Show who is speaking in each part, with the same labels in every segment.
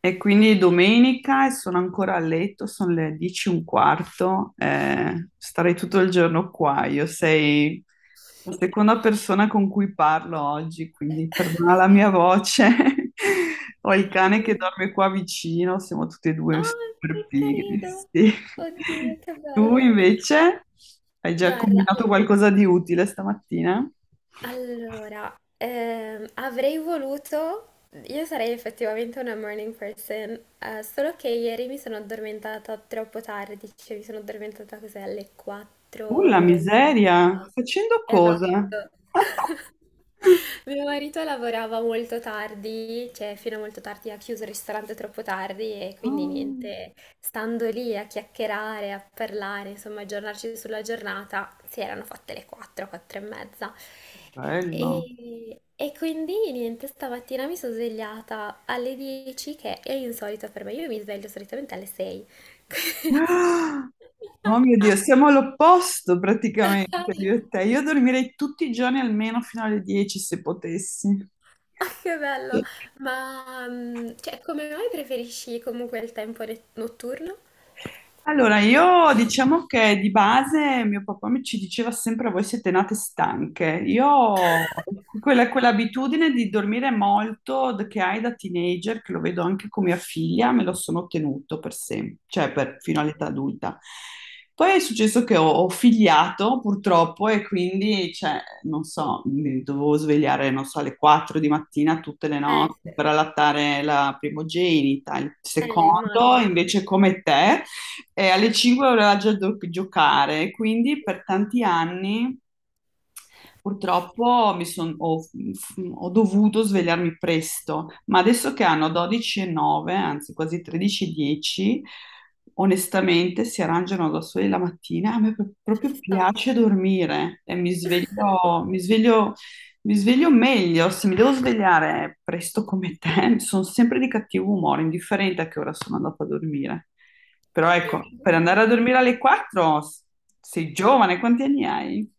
Speaker 1: E quindi è domenica e sono ancora a letto, sono le 10 e un quarto, starei tutto il giorno qua. Io sei la seconda persona con cui parlo oggi, quindi perdona la mia voce. Ho il cane che
Speaker 2: Oh,
Speaker 1: dorme qua vicino, siamo tutti e due super
Speaker 2: che
Speaker 1: pigri.
Speaker 2: carino!
Speaker 1: Sì.
Speaker 2: Oddio, che
Speaker 1: Tu
Speaker 2: bello!
Speaker 1: invece hai già
Speaker 2: Guarda,
Speaker 1: combinato
Speaker 2: al-
Speaker 1: qualcosa di utile stamattina?
Speaker 2: allora, ehm, avrei voluto, io sarei effettivamente una morning person, solo che ieri mi sono addormentata troppo tardi, cioè mi sono addormentata così alle
Speaker 1: La
Speaker 2: 4 e
Speaker 1: miseria,
Speaker 2: mezza.
Speaker 1: facendo cosa?
Speaker 2: Esatto. Mio marito lavorava molto tardi, cioè fino a molto tardi, ha chiuso il ristorante troppo tardi e quindi
Speaker 1: Ah,
Speaker 2: niente, stando lì a chiacchierare, a parlare, insomma, a aggiornarci sulla giornata, si erano fatte le 4, 4 e mezza.
Speaker 1: bello.
Speaker 2: E quindi niente, stamattina mi sono svegliata alle 10, che è insolito per me. Io mi sveglio solitamente alle 6.
Speaker 1: Ah, oh mio Dio, siamo all'opposto
Speaker 2: Ah,
Speaker 1: praticamente io e te. Io dormirei tutti i giorni almeno fino alle 10 se potessi.
Speaker 2: che bello! Ma cioè, come mai preferisci comunque il tempo notturno?
Speaker 1: Allora, io diciamo che di base mio papà mi ci diceva sempre voi siete nate stanche. Io ho quell'abitudine di dormire molto che hai da teenager, che lo vedo anche con mia figlia, me lo sono ottenuto per sempre, cioè fino all'età adulta. Poi è successo che ho figliato purtroppo e quindi, cioè, non so, mi dovevo svegliare, non so, alle 4 di mattina tutte le notti
Speaker 2: Sì.
Speaker 1: per allattare la primogenita, il secondo
Speaker 2: Immagino.
Speaker 1: invece come te e alle 5 voleva già giocare, quindi per tanti anni purtroppo ho dovuto svegliarmi presto, ma adesso che hanno 12.09, anzi quasi 13.10, onestamente si arrangiano da soli la mattina. A me
Speaker 2: Ci
Speaker 1: proprio
Speaker 2: sta.
Speaker 1: piace dormire e mi sveglio, mi sveglio, mi sveglio meglio. Se mi devo svegliare presto come te, sono sempre di cattivo umore, indifferente a che ora sono andata a dormire. Però ecco, per
Speaker 2: Esatto.
Speaker 1: andare a dormire alle 4 sei giovane, quanti anni hai?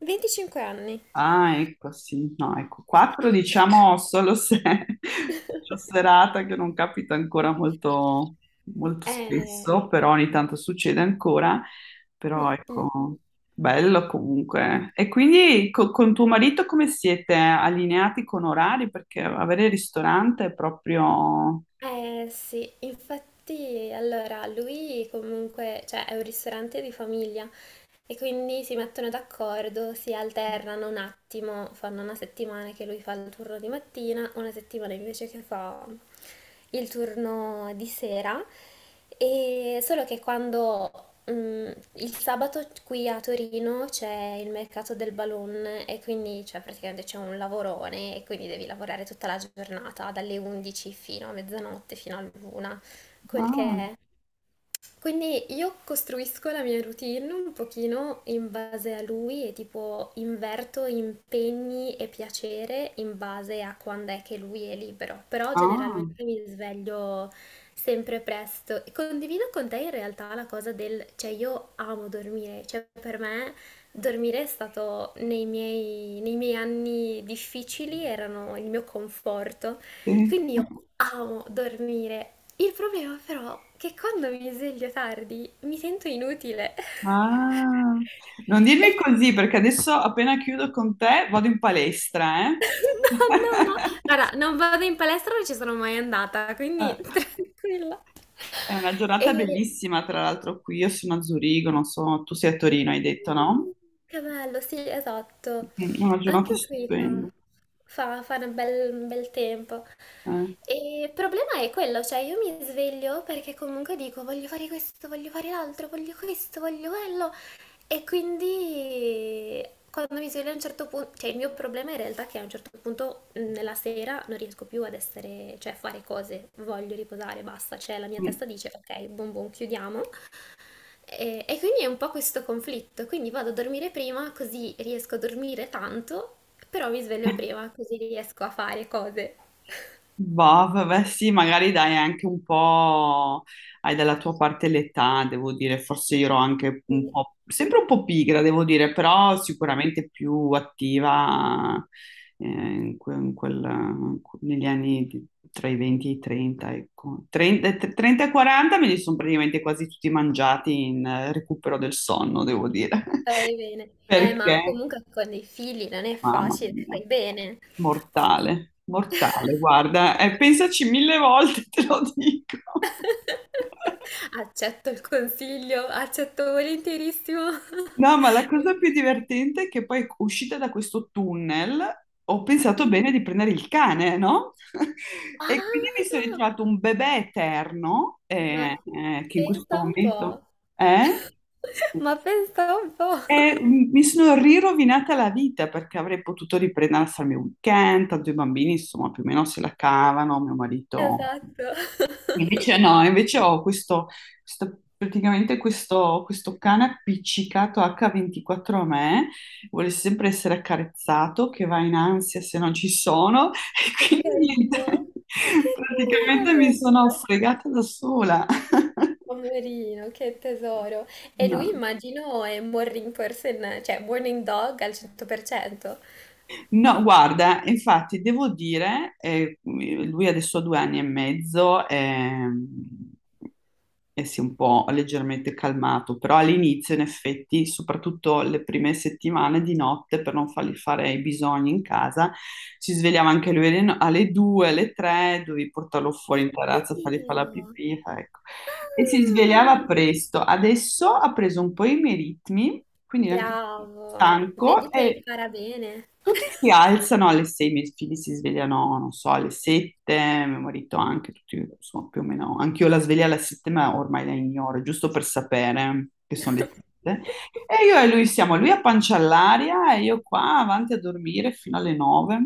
Speaker 2: 25 anni.
Speaker 1: Ah, ecco, sì, no, ecco, quattro diciamo solo se faccio serata che non capita ancora molto, molto
Speaker 2: Eh,
Speaker 1: spesso, però ogni tanto succede ancora,
Speaker 2: mm,
Speaker 1: però
Speaker 2: mm.
Speaker 1: ecco, bello comunque. E quindi con tuo marito come siete allineati con orari? Perché avere il ristorante è proprio...
Speaker 2: Sì, infatti, allora, lui comunque, cioè, è un ristorante di famiglia e quindi si mettono d'accordo, si alternano un attimo, fanno una settimana che lui fa il turno di mattina, una settimana invece che fa il turno di sera. E solo che quando il sabato qui a Torino c'è il mercato del balloon e quindi cioè, praticamente c'è un lavorone e quindi devi lavorare tutta la giornata, dalle 11 fino a mezzanotte, fino all'una, quel che
Speaker 1: Ah,
Speaker 2: è. Quindi io costruisco la mia routine un pochino in base a lui e tipo inverto impegni e piacere in base a quando è che lui è libero, però
Speaker 1: ah,
Speaker 2: generalmente mi sveglio sempre presto. E condivido con te in realtà la cosa del, cioè io amo dormire, cioè per me dormire è stato nei miei anni difficili, erano il mio conforto,
Speaker 1: sì.
Speaker 2: quindi io amo dormire. Il problema però è che quando mi sveglio tardi mi sento inutile.
Speaker 1: Ah, non
Speaker 2: E...
Speaker 1: dirmi così perché adesso appena chiudo con te vado in palestra, eh?
Speaker 2: No, no, no. Guarda, non vado in palestra, non ci sono mai andata, quindi
Speaker 1: Eh,
Speaker 2: tranquilla.
Speaker 1: È una giornata
Speaker 2: E...
Speaker 1: bellissima, tra l'altro qui io sono a Zurigo, non so, tu sei a Torino, hai detto, no?
Speaker 2: Mm, Che bello, sì, esatto.
Speaker 1: Mm, è una giornata
Speaker 2: Anche qui
Speaker 1: stupenda.
Speaker 2: fa un bel tempo.
Speaker 1: Eh.
Speaker 2: E il problema è quello, cioè io mi sveglio perché comunque dico voglio fare questo, voglio fare l'altro, voglio questo, voglio quello. E quindi quando mi sveglio a un certo punto, cioè il mio problema in realtà è che a un certo punto nella sera non riesco più ad essere, cioè a fare cose, voglio riposare, basta, cioè la mia
Speaker 1: Mm.
Speaker 2: testa dice ok, buon buon, chiudiamo. E quindi è un po' questo conflitto, quindi vado a dormire prima così riesco a dormire tanto, però mi sveglio prima così riesco a fare cose.
Speaker 1: Boh, vabbè, sì, magari dai anche un po', hai dalla tua parte l'età, devo dire, forse io ero anche un
Speaker 2: Quindi
Speaker 1: po', sempre un po' pigra, devo dire, però sicuramente più attiva in negli anni tra i 20 e i 30, ecco. 30, e 30 e 40 me li sono praticamente quasi tutti mangiati in recupero del sonno, devo dire,
Speaker 2: fai bene. Ma
Speaker 1: perché,
Speaker 2: comunque con dei figli non è
Speaker 1: mamma
Speaker 2: facile,
Speaker 1: mia.
Speaker 2: fai bene.
Speaker 1: Mortale, mortale, guarda, pensaci 1000 volte, te lo dico.
Speaker 2: Accetto il consiglio, accetto volentierissimo.
Speaker 1: No, ma la cosa più divertente è che poi uscita da questo tunnel ho pensato bene di prendere il cane, no? E
Speaker 2: Ah,
Speaker 1: quindi mi sono ritrovato un bebè eterno,
Speaker 2: ma
Speaker 1: che in questo
Speaker 2: pensa un
Speaker 1: momento
Speaker 2: po'.
Speaker 1: è...
Speaker 2: Ma pensa un po'.
Speaker 1: E mi sono rirovinata la vita perché avrei potuto riprendere a farmi un weekend, tanto i bambini insomma più o meno se la cavano, mio marito
Speaker 2: Esatto.
Speaker 1: invece no, invece ho questo, questo cane appiccicato H24 a me, vuole sempre essere accarezzato, che va in ansia se non ci sono,
Speaker 2: Che
Speaker 1: e quindi niente,
Speaker 2: carino, che carino
Speaker 1: praticamente mi sono
Speaker 2: Robert,
Speaker 1: fregata da sola.
Speaker 2: poverino, che tesoro. E lui
Speaker 1: No.
Speaker 2: immagino è un morning person, cioè morning dog al 100%.
Speaker 1: No, guarda, infatti devo dire, lui adesso ha 2 anni e mezzo, e si è un po' leggermente calmato, però all'inizio, in effetti, soprattutto le prime settimane di notte, per non fargli fare i bisogni in casa, si svegliava anche lui alle, no- alle 2, alle 3, dovevi portarlo fuori in terrazza, fargli fare la
Speaker 2: Oddio,
Speaker 1: pipì, ecco. E si svegliava
Speaker 2: ah,
Speaker 1: presto. Adesso ha preso un po' i miei ritmi, quindi è anche
Speaker 2: bravo, vedi
Speaker 1: stanco,
Speaker 2: che
Speaker 1: e
Speaker 2: impara bene.
Speaker 1: tutti si alzano alle 6, i miei figli si svegliano, non so, alle 7, mio marito anche, tutti, insomma, più o meno. Anch'io la sveglia alle 7, ma ormai la ignoro, giusto per sapere che sono le 7. E io e lui siamo, lui a pancia all'aria e io qua avanti a dormire fino alle 9.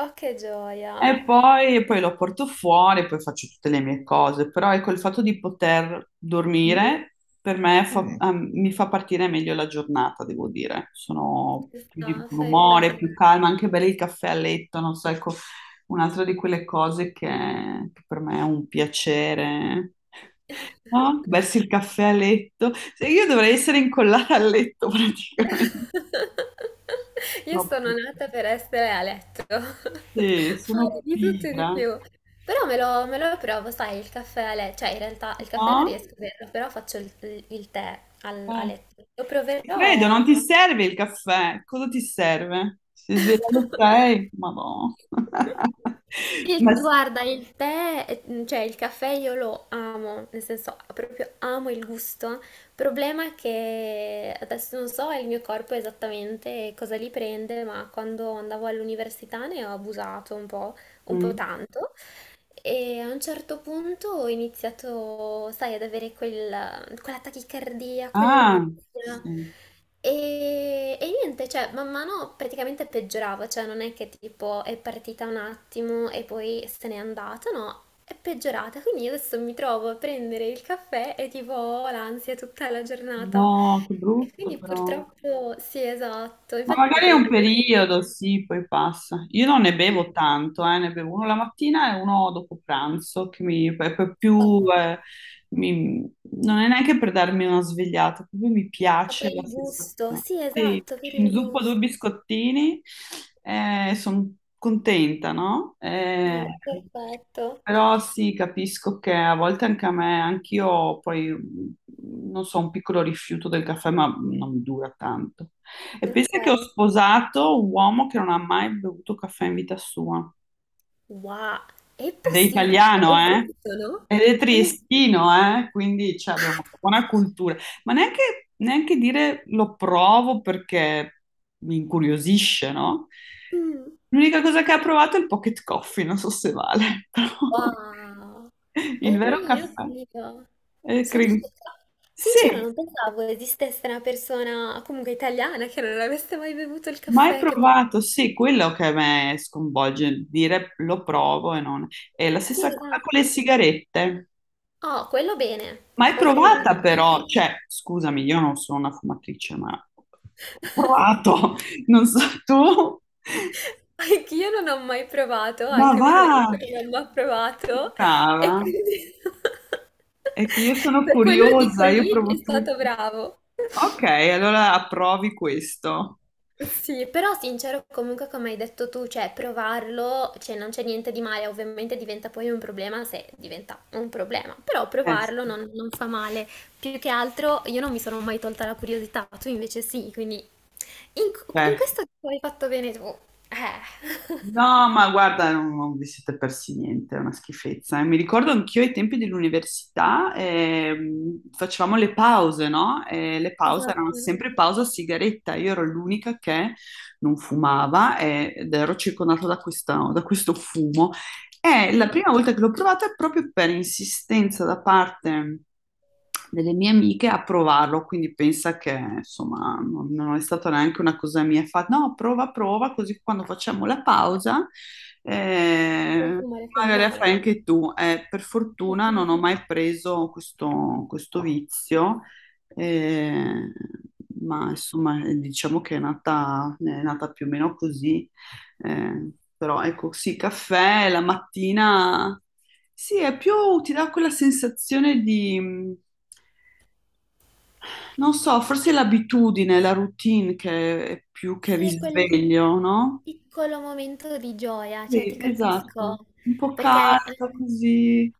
Speaker 2: Oh, che gioia,
Speaker 1: E poi lo porto fuori, poi faccio tutte le mie cose, però ecco il fatto di poter dormire per me Mm. Ah, mi fa partire meglio la giornata, devo dire. Sono più di
Speaker 2: no,
Speaker 1: buon
Speaker 2: fai
Speaker 1: umore,
Speaker 2: bene.
Speaker 1: più calma, anche bere il caffè a letto, non so, ecco, un'altra di quelle cose che per me è un piacere. No? Bersi il caffè a letto. Se io dovrei essere incollata al letto praticamente.
Speaker 2: Io
Speaker 1: Sono
Speaker 2: sono
Speaker 1: pigra.
Speaker 2: nata per essere a letto,
Speaker 1: Sì,
Speaker 2: fare
Speaker 1: sono
Speaker 2: di tutto e di
Speaker 1: pigra.
Speaker 2: più. Però me lo provo, sai, il caffè a letto, cioè in realtà il caffè non
Speaker 1: No?
Speaker 2: riesco a berlo, però faccio il tè a letto. Lo
Speaker 1: Credo, non
Speaker 2: proverò.
Speaker 1: ti serve il caffè. Cosa ti serve? Si sveglia alle 6? Madonna.
Speaker 2: Il-
Speaker 1: Ma...
Speaker 2: guarda, il tè, cioè il caffè io lo amo, nel senso proprio amo il gusto. Il problema è che adesso non so il mio corpo esattamente cosa li prende, ma quando andavo all'università ne ho abusato un po'
Speaker 1: mm.
Speaker 2: tanto. E a un certo punto ho iniziato, sai, ad avere quella tachicardia,
Speaker 1: Ah,
Speaker 2: quell'ansia.
Speaker 1: sì.
Speaker 2: E niente, cioè, man mano praticamente peggiorava, cioè non è che tipo è partita un attimo e poi se n'è andata, no, è peggiorata. Quindi io adesso mi trovo a prendere il caffè e tipo ho l'ansia tutta la giornata.
Speaker 1: No, che
Speaker 2: E
Speaker 1: brutto
Speaker 2: quindi
Speaker 1: però.
Speaker 2: purtroppo sì, esatto,
Speaker 1: Ma
Speaker 2: infatti
Speaker 1: magari è
Speaker 2: prendo
Speaker 1: un
Speaker 2: il detergente.
Speaker 1: periodo, sì, poi passa. Io non ne bevo tanto, ne bevo uno la mattina e uno dopo pranzo, che mi, è proprio più, mi- non è neanche per darmi una svegliata, proprio mi
Speaker 2: Ma per
Speaker 1: piace la
Speaker 2: il gusto,
Speaker 1: sensazione.
Speaker 2: sì,
Speaker 1: Sì,
Speaker 2: esatto, per
Speaker 1: ci
Speaker 2: il
Speaker 1: inzuppo due
Speaker 2: gusto.
Speaker 1: biscottini e sono contenta, no?
Speaker 2: No, è perfetto.
Speaker 1: Però sì, capisco che a volte anche a me, anch'io poi, mm, non so, un piccolo rifiuto del caffè, ma non dura tanto. E
Speaker 2: Ok.
Speaker 1: pensa che ho sposato un uomo che non ha mai bevuto caffè in vita sua.
Speaker 2: Wow, è
Speaker 1: Ed è
Speaker 2: possibile?
Speaker 1: italiano, eh?
Speaker 2: Esistono?
Speaker 1: Ed è
Speaker 2: Es-
Speaker 1: triestino, eh? Quindi cioè,
Speaker 2: Ah!
Speaker 1: abbiamo una buona cultura. Ma neanche, neanche dire lo provo perché mi incuriosisce, no?
Speaker 2: Mm.
Speaker 1: L'unica cosa che ha provato è il pocket coffee, non so se vale, però
Speaker 2: Wow.
Speaker 1: il
Speaker 2: Oh
Speaker 1: vero
Speaker 2: mio
Speaker 1: caffè
Speaker 2: Dio.
Speaker 1: è
Speaker 2: Sono scioccata. Sincero,
Speaker 1: Sì,
Speaker 2: non pensavo esistesse una persona comunque italiana che non avesse mai bevuto il
Speaker 1: mai
Speaker 2: caffè, che poi...
Speaker 1: provato, sì, quello che a me sconvolge, dire lo provo e non... È la stessa
Speaker 2: Sì,
Speaker 1: cosa con le
Speaker 2: esatto.
Speaker 1: sigarette.
Speaker 2: Oh, quello bene.
Speaker 1: Mai provata però,
Speaker 2: Complimenti.
Speaker 1: cioè, scusami, io non sono una fumatrice, ma ho provato, non so tu,
Speaker 2: Anch'io non ho mai provato,
Speaker 1: ma
Speaker 2: anche mio
Speaker 1: va,
Speaker 2: marito non l'ha provato
Speaker 1: brava,
Speaker 2: e quindi
Speaker 1: è che io sono
Speaker 2: per quello dico
Speaker 1: curiosa, io
Speaker 2: lì è
Speaker 1: provo
Speaker 2: stato
Speaker 1: tutto.
Speaker 2: bravo.
Speaker 1: Ok, allora approvi questo.
Speaker 2: Sì, però sincero, comunque come hai detto tu, cioè provarlo, cioè non c'è niente di male, ovviamente diventa poi un problema se diventa un problema, però
Speaker 1: Eh sì,
Speaker 2: provarlo non fa male. Più che altro io non mi sono mai tolta la curiosità, tu invece sì, quindi in,
Speaker 1: eh
Speaker 2: in questo hai fatto bene tu. Eh.
Speaker 1: no, ma guarda, non, non vi siete persi niente, è una schifezza. Eh. Mi ricordo anch'io ai tempi dell'università facevamo le pause, no? E le pause erano
Speaker 2: Esatto.
Speaker 1: sempre pausa sigaretta. Io ero l'unica che non fumava ed ero circondata da da questo fumo. E la prima volta che l'ho provata è proprio per insistenza da parte delle mie amiche a provarlo, quindi pensa che insomma non è stata neanche una cosa mia, fa no, prova, prova, così quando facciamo la pausa eh,
Speaker 2: Consumare con
Speaker 1: magari la
Speaker 2: noi.
Speaker 1: fai anche tu. Per fortuna
Speaker 2: Mm.
Speaker 1: non ho mai preso questo vizio, eh, ma insomma diciamo che è nata più o meno così, eh, però ecco sì, caffè la mattina, sì, è più, ti dà quella sensazione di non so, forse è l'abitudine, la routine che è più che
Speaker 2: Sì, è quel
Speaker 1: risveglio, no?
Speaker 2: piccolo momento di gioia, cioè ti
Speaker 1: Sì, esatto.
Speaker 2: capisco,
Speaker 1: Un po'
Speaker 2: perché
Speaker 1: caldo così.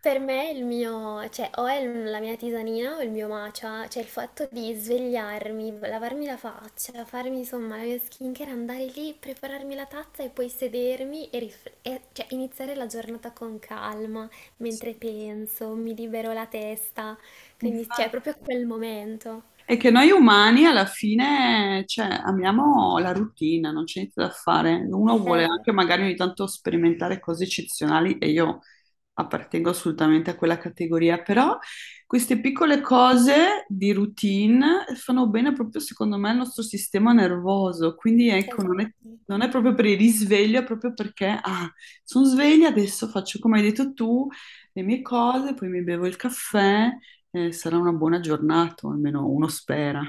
Speaker 2: per me il mio, cioè o è la mia tisanina o il mio matcha, cioè il fatto di svegliarmi, lavarmi la faccia, farmi insomma la mia skincare, andare lì, prepararmi la tazza e poi sedermi e, cioè, iniziare la giornata con calma,
Speaker 1: Sì,
Speaker 2: mentre penso, mi libero la testa, quindi cioè è
Speaker 1: infatti.
Speaker 2: proprio quel momento.
Speaker 1: È che noi umani alla fine, cioè, amiamo la routine, non c'è niente da fare. Uno vuole anche
Speaker 2: Esatto.
Speaker 1: magari ogni tanto sperimentare cose eccezionali e io appartengo assolutamente a quella categoria, però queste piccole cose di routine fanno bene proprio secondo me al nostro sistema nervoso, quindi ecco,
Speaker 2: Esatto.
Speaker 1: non è proprio per il risveglio, è proprio perché, ah, sono sveglia, adesso faccio come hai detto tu, le mie cose, poi mi bevo il caffè. Sarà una buona giornata, o almeno uno spera.